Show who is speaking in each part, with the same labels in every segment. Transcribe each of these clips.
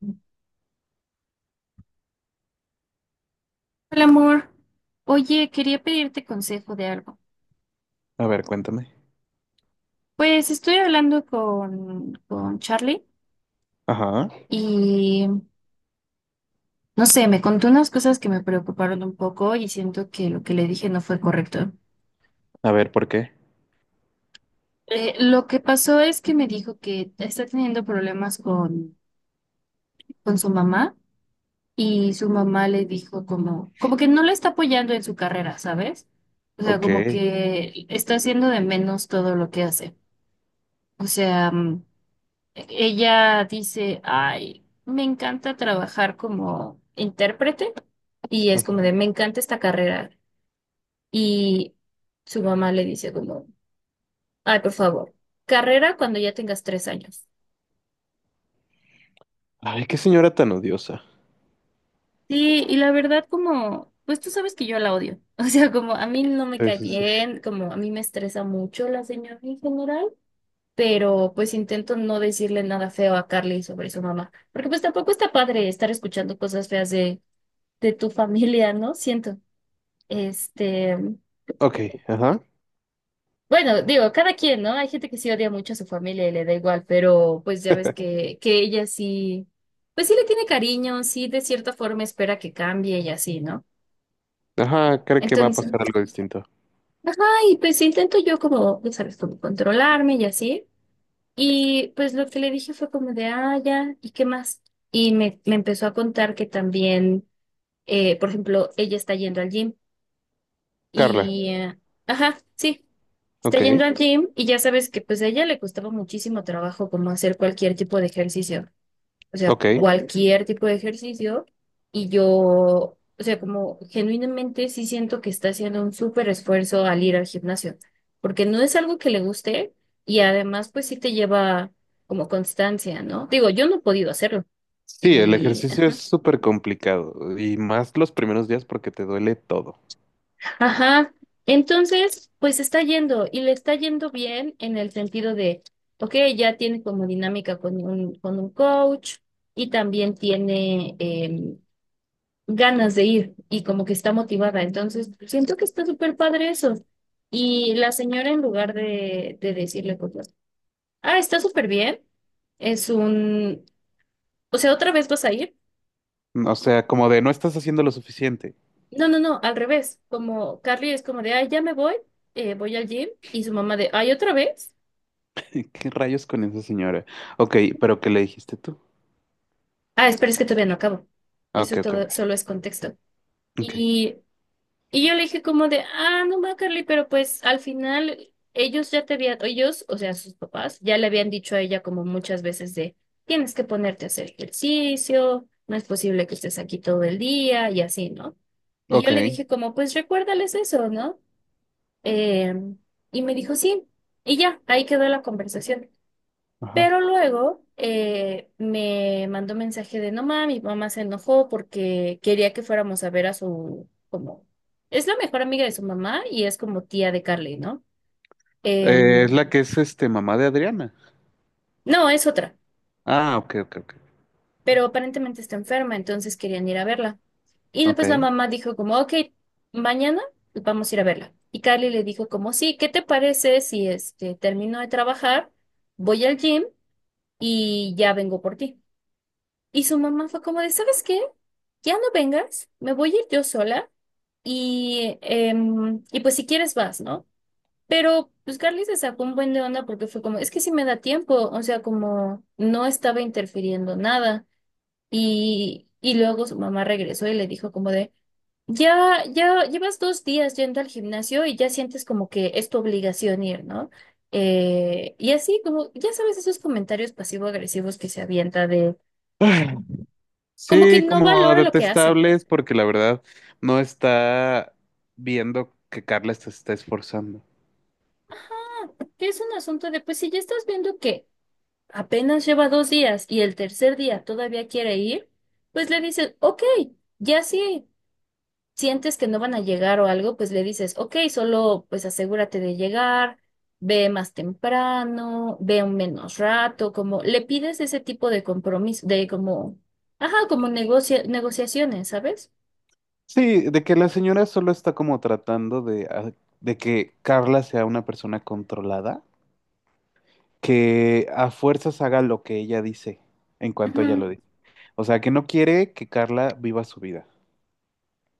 Speaker 1: Hola, amor. Oye, quería pedirte consejo de algo.
Speaker 2: A ver, cuéntame.
Speaker 1: Pues estoy hablando con Charlie
Speaker 2: Ajá.
Speaker 1: y no sé, me contó unas cosas que me preocuparon un poco y siento que lo que le dije no fue correcto.
Speaker 2: A ver, ¿por qué?
Speaker 1: Lo que pasó es que me dijo que está teniendo problemas con, su mamá y su mamá le dijo como que no le está apoyando en su carrera, ¿sabes? O sea,
Speaker 2: Ok.
Speaker 1: como que está haciendo de menos todo lo que hace. O sea, ella dice, ay, me encanta trabajar como intérprete y es como
Speaker 2: Ujú.
Speaker 1: de, me encanta esta carrera. Y su mamá le dice como, ay, por favor, carrera cuando ya tengas 3 años.
Speaker 2: Ay, qué señora tan odiosa.
Speaker 1: Sí, y la verdad como, pues tú sabes que yo la odio. O sea, como a mí no me
Speaker 2: Sí,
Speaker 1: cae
Speaker 2: sí, sí.
Speaker 1: bien, como a mí me estresa mucho la señora en general, pero pues intento no decirle nada feo a Carly sobre su mamá, porque pues tampoco está padre estar escuchando cosas feas de tu familia, ¿no? Siento. Este,
Speaker 2: Ok, ajá.
Speaker 1: bueno, digo, cada quien, ¿no? Hay gente que sí odia mucho a su familia y le da igual, pero pues ya ves que ella sí, pues sí le tiene cariño, sí de cierta forma espera que cambie y así, ¿no?
Speaker 2: Ajá, creo que va a
Speaker 1: Entonces,
Speaker 2: pasar algo distinto.
Speaker 1: ajá, y pues intento yo como, ya sabes, como controlarme y así. Y pues lo que le dije fue como de, ah, ya, ¿y qué más? Y me empezó a contar que también, por ejemplo, ella está yendo al gym.
Speaker 2: Carla,
Speaker 1: Y, eh, ajá, sí, está yendo
Speaker 2: ok,
Speaker 1: al gym y ya sabes que pues a ella le costaba muchísimo trabajo como hacer cualquier tipo de ejercicio, o sea,
Speaker 2: ok.
Speaker 1: cualquier tipo de ejercicio. Y yo, o sea, como genuinamente sí siento que está haciendo un súper esfuerzo al ir al gimnasio, porque no es algo que le guste y además pues sí te lleva como constancia, ¿no? Digo, yo no he podido hacerlo.
Speaker 2: Sí, el
Speaker 1: Sí.
Speaker 2: ejercicio es
Speaker 1: Ajá.
Speaker 2: súper complicado y más los primeros días porque te duele todo.
Speaker 1: Ajá. Entonces, pues está yendo y le está yendo bien en el sentido de, ok, ya tiene como dinámica con un coach y también tiene ganas de ir y como que está motivada. Entonces, siento que está súper padre eso. Y la señora en lugar de decirle cosas, ah, está súper bien, es un, o sea, otra vez vas a ir.
Speaker 2: O sea, como de no estás haciendo lo suficiente.
Speaker 1: No, no, no, al revés, como Carly es como de, ay, ya me voy, voy al gym y su mamá de, ay, otra vez.
Speaker 2: ¿Qué rayos con esa señora? Ok, pero ¿qué le dijiste tú?
Speaker 1: Ah, espera, es que todavía no acabo.
Speaker 2: Ah,
Speaker 1: Eso
Speaker 2: ok, ok,
Speaker 1: todo
Speaker 2: ok.
Speaker 1: solo es contexto.
Speaker 2: Ok,
Speaker 1: Y, y yo le dije como de, ah, no va, Carly, pero pues al final ellos ya te habían, ellos, o sea, sus papás, ya le habían dicho a ella como muchas veces de, tienes que ponerte a hacer ejercicio, no es posible que estés aquí todo el día y así, ¿no? Y
Speaker 2: ok,
Speaker 1: yo le dije como, pues recuérdales eso, ¿no? Em, y me dijo, sí. Y ya, ahí quedó la conversación. Pero
Speaker 2: ajá.
Speaker 1: luego me mandó mensaje de no mami, mi mamá se enojó porque quería que fuéramos a ver a su, como, es la mejor amiga de su mamá y es como tía de Carly, ¿no?
Speaker 2: Es
Speaker 1: Em,
Speaker 2: la que es mamá de Adriana.
Speaker 1: no, es otra,
Speaker 2: Ah, ok, ok, ok.
Speaker 1: pero aparentemente está enferma, entonces querían ir a verla. Y
Speaker 2: Ok.
Speaker 1: después la mamá dijo como, ok, mañana vamos a ir a verla. Y Carly le dijo como, sí, ¿qué te parece si termino de trabajar, voy al gym y ya vengo por ti? Y su mamá fue como de, ¿sabes qué? Ya no vengas, me voy a ir yo sola y, y pues si quieres vas, ¿no? Pero pues Carly se sacó un buen de onda porque fue como, es que si me da tiempo, o sea, como no estaba interfiriendo nada. Y luego su mamá regresó y le dijo como de, ya, ya llevas 2 días yendo al gimnasio y ya sientes como que es tu obligación ir, ¿no? Y así como, ya sabes, esos comentarios pasivo-agresivos que se avienta de,
Speaker 2: Ay,
Speaker 1: como que
Speaker 2: sí,
Speaker 1: no
Speaker 2: como
Speaker 1: valora lo que hace.
Speaker 2: detestables porque la verdad no está viendo que Carla se está esforzando.
Speaker 1: Que es un asunto de, pues si ya estás viendo que apenas lleva 2 días y el tercer día todavía quiere ir, pues le dices, ok, ya si sientes que no van a llegar o algo, pues le dices, ok, solo pues asegúrate de llegar, ve más temprano, ve un menos rato, como le pides ese tipo de compromiso, de como, ajá, como negociaciones, ¿sabes?
Speaker 2: Sí, de que la señora solo está como tratando de, de que Carla sea una persona controlada, que a fuerzas haga lo que ella dice en cuanto ella
Speaker 1: Ujú.
Speaker 2: lo dice. O sea, que no quiere que Carla viva su vida.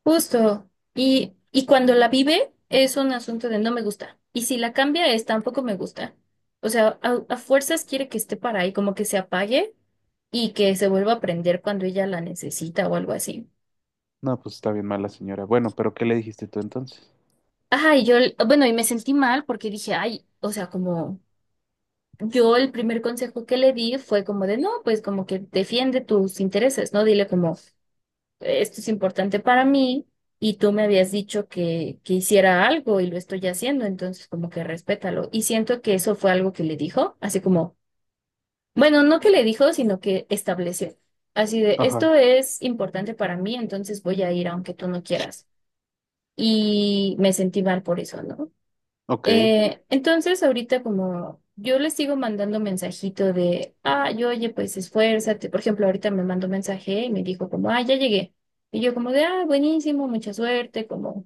Speaker 1: Justo. Y cuando la vive es un asunto de no me gusta. Y si la cambia es tampoco me gusta. O sea, a, fuerzas quiere que esté para ahí, como que se apague y que se vuelva a prender cuando ella la necesita o algo así.
Speaker 2: No, pues está bien mala señora. Bueno, pero ¿qué le dijiste tú entonces?
Speaker 1: Ajá, y yo, bueno, y me sentí mal porque dije, ay, o sea, como yo el primer consejo que le di fue como de, no, pues como que defiende tus intereses, ¿no? Dile como, esto es importante para mí y tú me habías dicho que hiciera algo y lo estoy haciendo, entonces como que respétalo. Y siento que eso fue algo que le dijo, así como, bueno, no que le dijo, sino que estableció. Así de,
Speaker 2: Ajá.
Speaker 1: esto es importante para mí, entonces voy a ir aunque tú no quieras. Y me sentí mal por eso, ¿no?
Speaker 2: Ok.
Speaker 1: Entonces, ahorita como yo les sigo mandando mensajito de, ah, yo, oye, pues esfuérzate. Por ejemplo, ahorita me mandó mensaje y me dijo como, ah, ya llegué. Y yo como de, ah, buenísimo, mucha suerte, como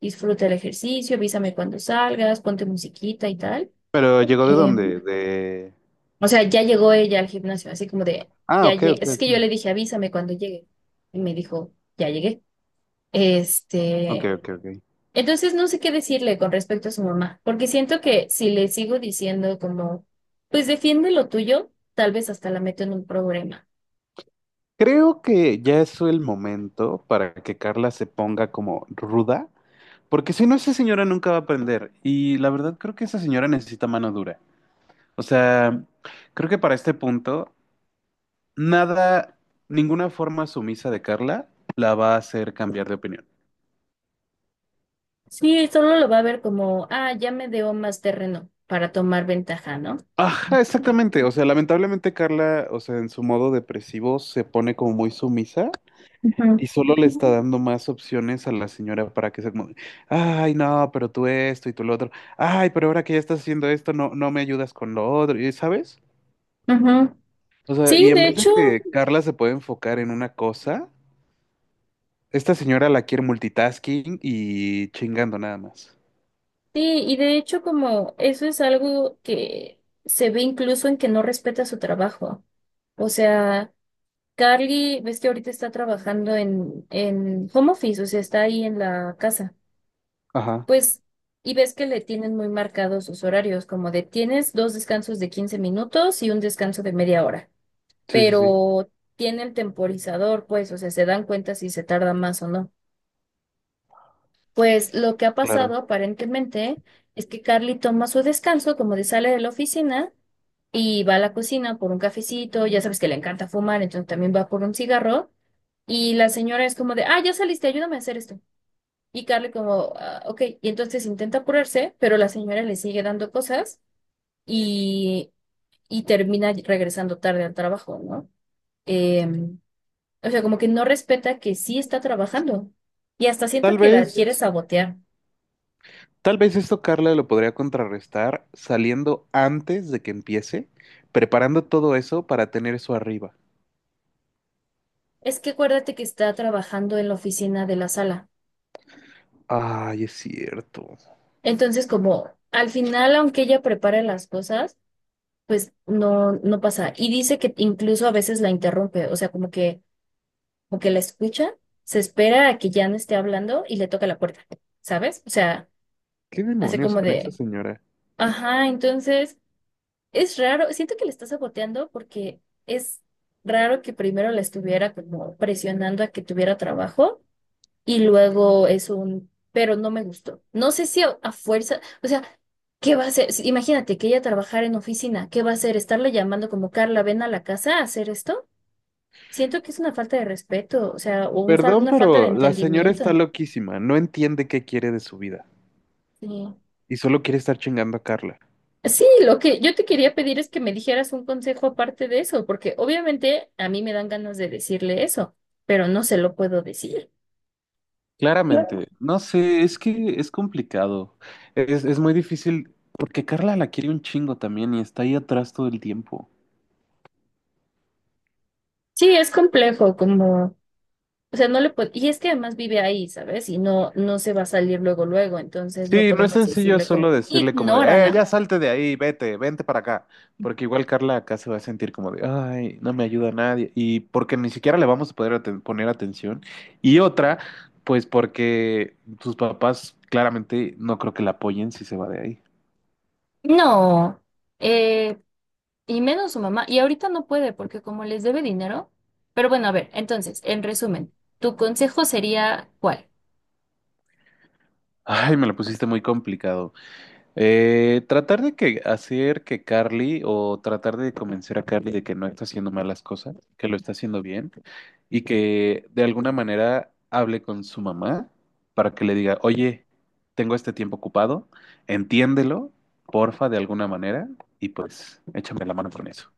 Speaker 1: disfruta el ejercicio, avísame cuando salgas, ponte musiquita y tal.
Speaker 2: ¿Pero llegó de
Speaker 1: Eh,
Speaker 2: dónde? De...
Speaker 1: o sea, ya llegó ella al gimnasio, así como de,
Speaker 2: Ah,
Speaker 1: ya
Speaker 2: ok,
Speaker 1: llegué.
Speaker 2: ok,
Speaker 1: Es que yo
Speaker 2: ok.
Speaker 1: le dije, avísame cuando llegue. Y me dijo, ya llegué.
Speaker 2: Ok,
Speaker 1: Este,
Speaker 2: ok, ok.
Speaker 1: entonces no sé qué decirle con respecto a su mamá, porque siento que si le sigo diciendo como, pues defiende lo tuyo, tal vez hasta la meto en un problema.
Speaker 2: Creo que ya es el momento para que Carla se ponga como ruda, porque si no, esa señora nunca va a aprender. Y la verdad creo que esa señora necesita mano dura. O sea, creo que para este punto, nada, ninguna forma sumisa de Carla la va a hacer cambiar de opinión.
Speaker 1: Sí, solo lo va a ver como, ah, ya me dio más terreno para tomar ventaja, ¿no?
Speaker 2: Ajá, exactamente. O sea, lamentablemente Carla, o sea, en su modo depresivo se pone como muy sumisa.
Speaker 1: Ujú.
Speaker 2: Y solo le está dando más opciones a la señora para que sea como, ay, no, pero tú esto y tú lo otro, ay, pero ahora que ya estás haciendo esto, no, no me ayudas con lo otro, y ¿sabes?
Speaker 1: Ujú.
Speaker 2: O sea,
Speaker 1: Sí,
Speaker 2: y en
Speaker 1: de
Speaker 2: vez de
Speaker 1: hecho,
Speaker 2: que Carla se pueda enfocar en una cosa, esta señora la quiere multitasking y chingando nada más.
Speaker 1: sí, y de hecho como eso es algo que se ve incluso en que no respeta su trabajo. O sea, Carly, ves que ahorita está trabajando en home office, o sea, está ahí en la casa.
Speaker 2: Ajá,
Speaker 1: Pues, y ves que le tienen muy marcados sus horarios, como de tienes dos descansos de 15 minutos y un descanso de media hora,
Speaker 2: sí, sí, sí,
Speaker 1: pero tienen temporizador, pues, o sea, se dan cuenta si se tarda más o no. Pues lo que ha pasado
Speaker 2: claro.
Speaker 1: aparentemente es que Carly toma su descanso, como de sale de la oficina y va a la cocina por un cafecito, ya sabes que le encanta fumar, entonces también va por un cigarro, y la señora es como de, ah, ya saliste, ayúdame a hacer esto. Y Carly como, "Ah, ok, y entonces intenta apurarse, pero la señora le sigue dando cosas y, y termina regresando tarde al trabajo, ¿no? Em, o sea, como que no respeta que sí está trabajando y hasta siento
Speaker 2: Tal
Speaker 1: que la
Speaker 2: vez,
Speaker 1: quiere sabotear.
Speaker 2: tal vez esto Carla lo podría contrarrestar saliendo antes de que empiece, preparando todo eso para tener eso arriba.
Speaker 1: Es que acuérdate que está trabajando en la oficina de la sala.
Speaker 2: Ay, es cierto.
Speaker 1: Entonces, como al final, aunque ella prepare las cosas, pues no, no pasa. Y dice que incluso a veces la interrumpe, o sea, como que o que la escucha, se espera a que ya no esté hablando y le toca la puerta, ¿sabes? O sea,
Speaker 2: ¿Qué
Speaker 1: hace
Speaker 2: demonios
Speaker 1: como
Speaker 2: con esa
Speaker 1: de,
Speaker 2: señora?
Speaker 1: ajá, entonces es raro, siento que le está saboteando porque es raro que primero la estuviera como presionando a que tuviera trabajo y luego es un, pero no me gustó. No sé si a, fuerza, o sea, ¿qué va a hacer? Si- Imagínate que ella trabajara en oficina, ¿qué va a hacer? ¿Estarle llamando como Carla, ven a la casa a hacer esto? Siento que es una falta de respeto, o sea, o
Speaker 2: Perdón,
Speaker 1: una falta de
Speaker 2: pero la señora está
Speaker 1: entendimiento.
Speaker 2: loquísima, no entiende qué quiere de su vida
Speaker 1: Sí,
Speaker 2: y solo quiere estar chingando a Carla.
Speaker 1: sí, lo que yo te quería pedir es que me dijeras un consejo aparte de eso, porque obviamente a mí me dan ganas de decirle eso, pero no se lo puedo decir. Claro.
Speaker 2: Claramente, no sé, es que es complicado. Es muy difícil porque Carla la quiere un chingo también y está ahí atrás todo el tiempo.
Speaker 1: Sí, es complejo, como, o sea, no le puedo, y es que además vive ahí, ¿sabes? Y no, no se va a salir luego, luego, entonces no
Speaker 2: Sí, no es
Speaker 1: podemos
Speaker 2: sencillo
Speaker 1: decirle como,
Speaker 2: solo decirle como de, ya
Speaker 1: ignórala.
Speaker 2: salte de ahí, vete, vente para acá, porque igual Carla acá se va a sentir como de, ay, no me ayuda nadie, y porque ni siquiera le vamos a poder poner atención, y otra, pues porque sus papás claramente no creo que la apoyen si se va de ahí.
Speaker 1: No, eh, y menos su mamá, y ahorita no puede porque como les debe dinero, pero bueno, a ver, entonces, en resumen, ¿tu consejo sería cuál?
Speaker 2: Ay, me lo pusiste muy complicado. Tratar de que hacer que Carly o tratar de convencer a Carly de que no está haciendo malas cosas, que lo está haciendo bien y que de alguna manera hable con su mamá para que le diga, oye, tengo este tiempo ocupado, entiéndelo, porfa, de alguna manera y pues échame la mano con eso.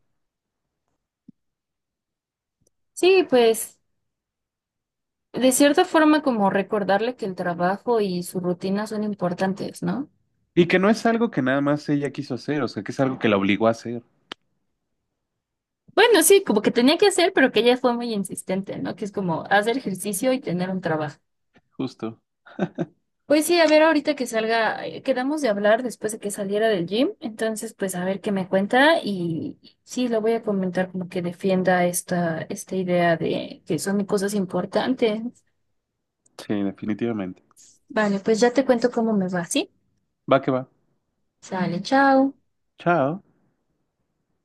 Speaker 1: Sí, pues. De cierta forma, como recordarle que el trabajo y su rutina son importantes, ¿no?
Speaker 2: Y que no es algo que nada más ella quiso hacer, o sea, que es algo que la obligó a hacer,
Speaker 1: Bueno, sí, como que tenía que hacer, pero que ella fue muy insistente, ¿no? Que es como hacer ejercicio y tener un trabajo.
Speaker 2: justo.
Speaker 1: Pues sí, a ver, ahorita que salga, quedamos de hablar después de que saliera del gym, entonces pues a ver qué me cuenta y sí, lo voy a comentar como que defienda esta, esta idea de que son cosas importantes.
Speaker 2: Sí, definitivamente.
Speaker 1: Vale, pues ya te cuento cómo me va, ¿sí?
Speaker 2: Va que va.
Speaker 1: Sale, chao.
Speaker 2: Chao.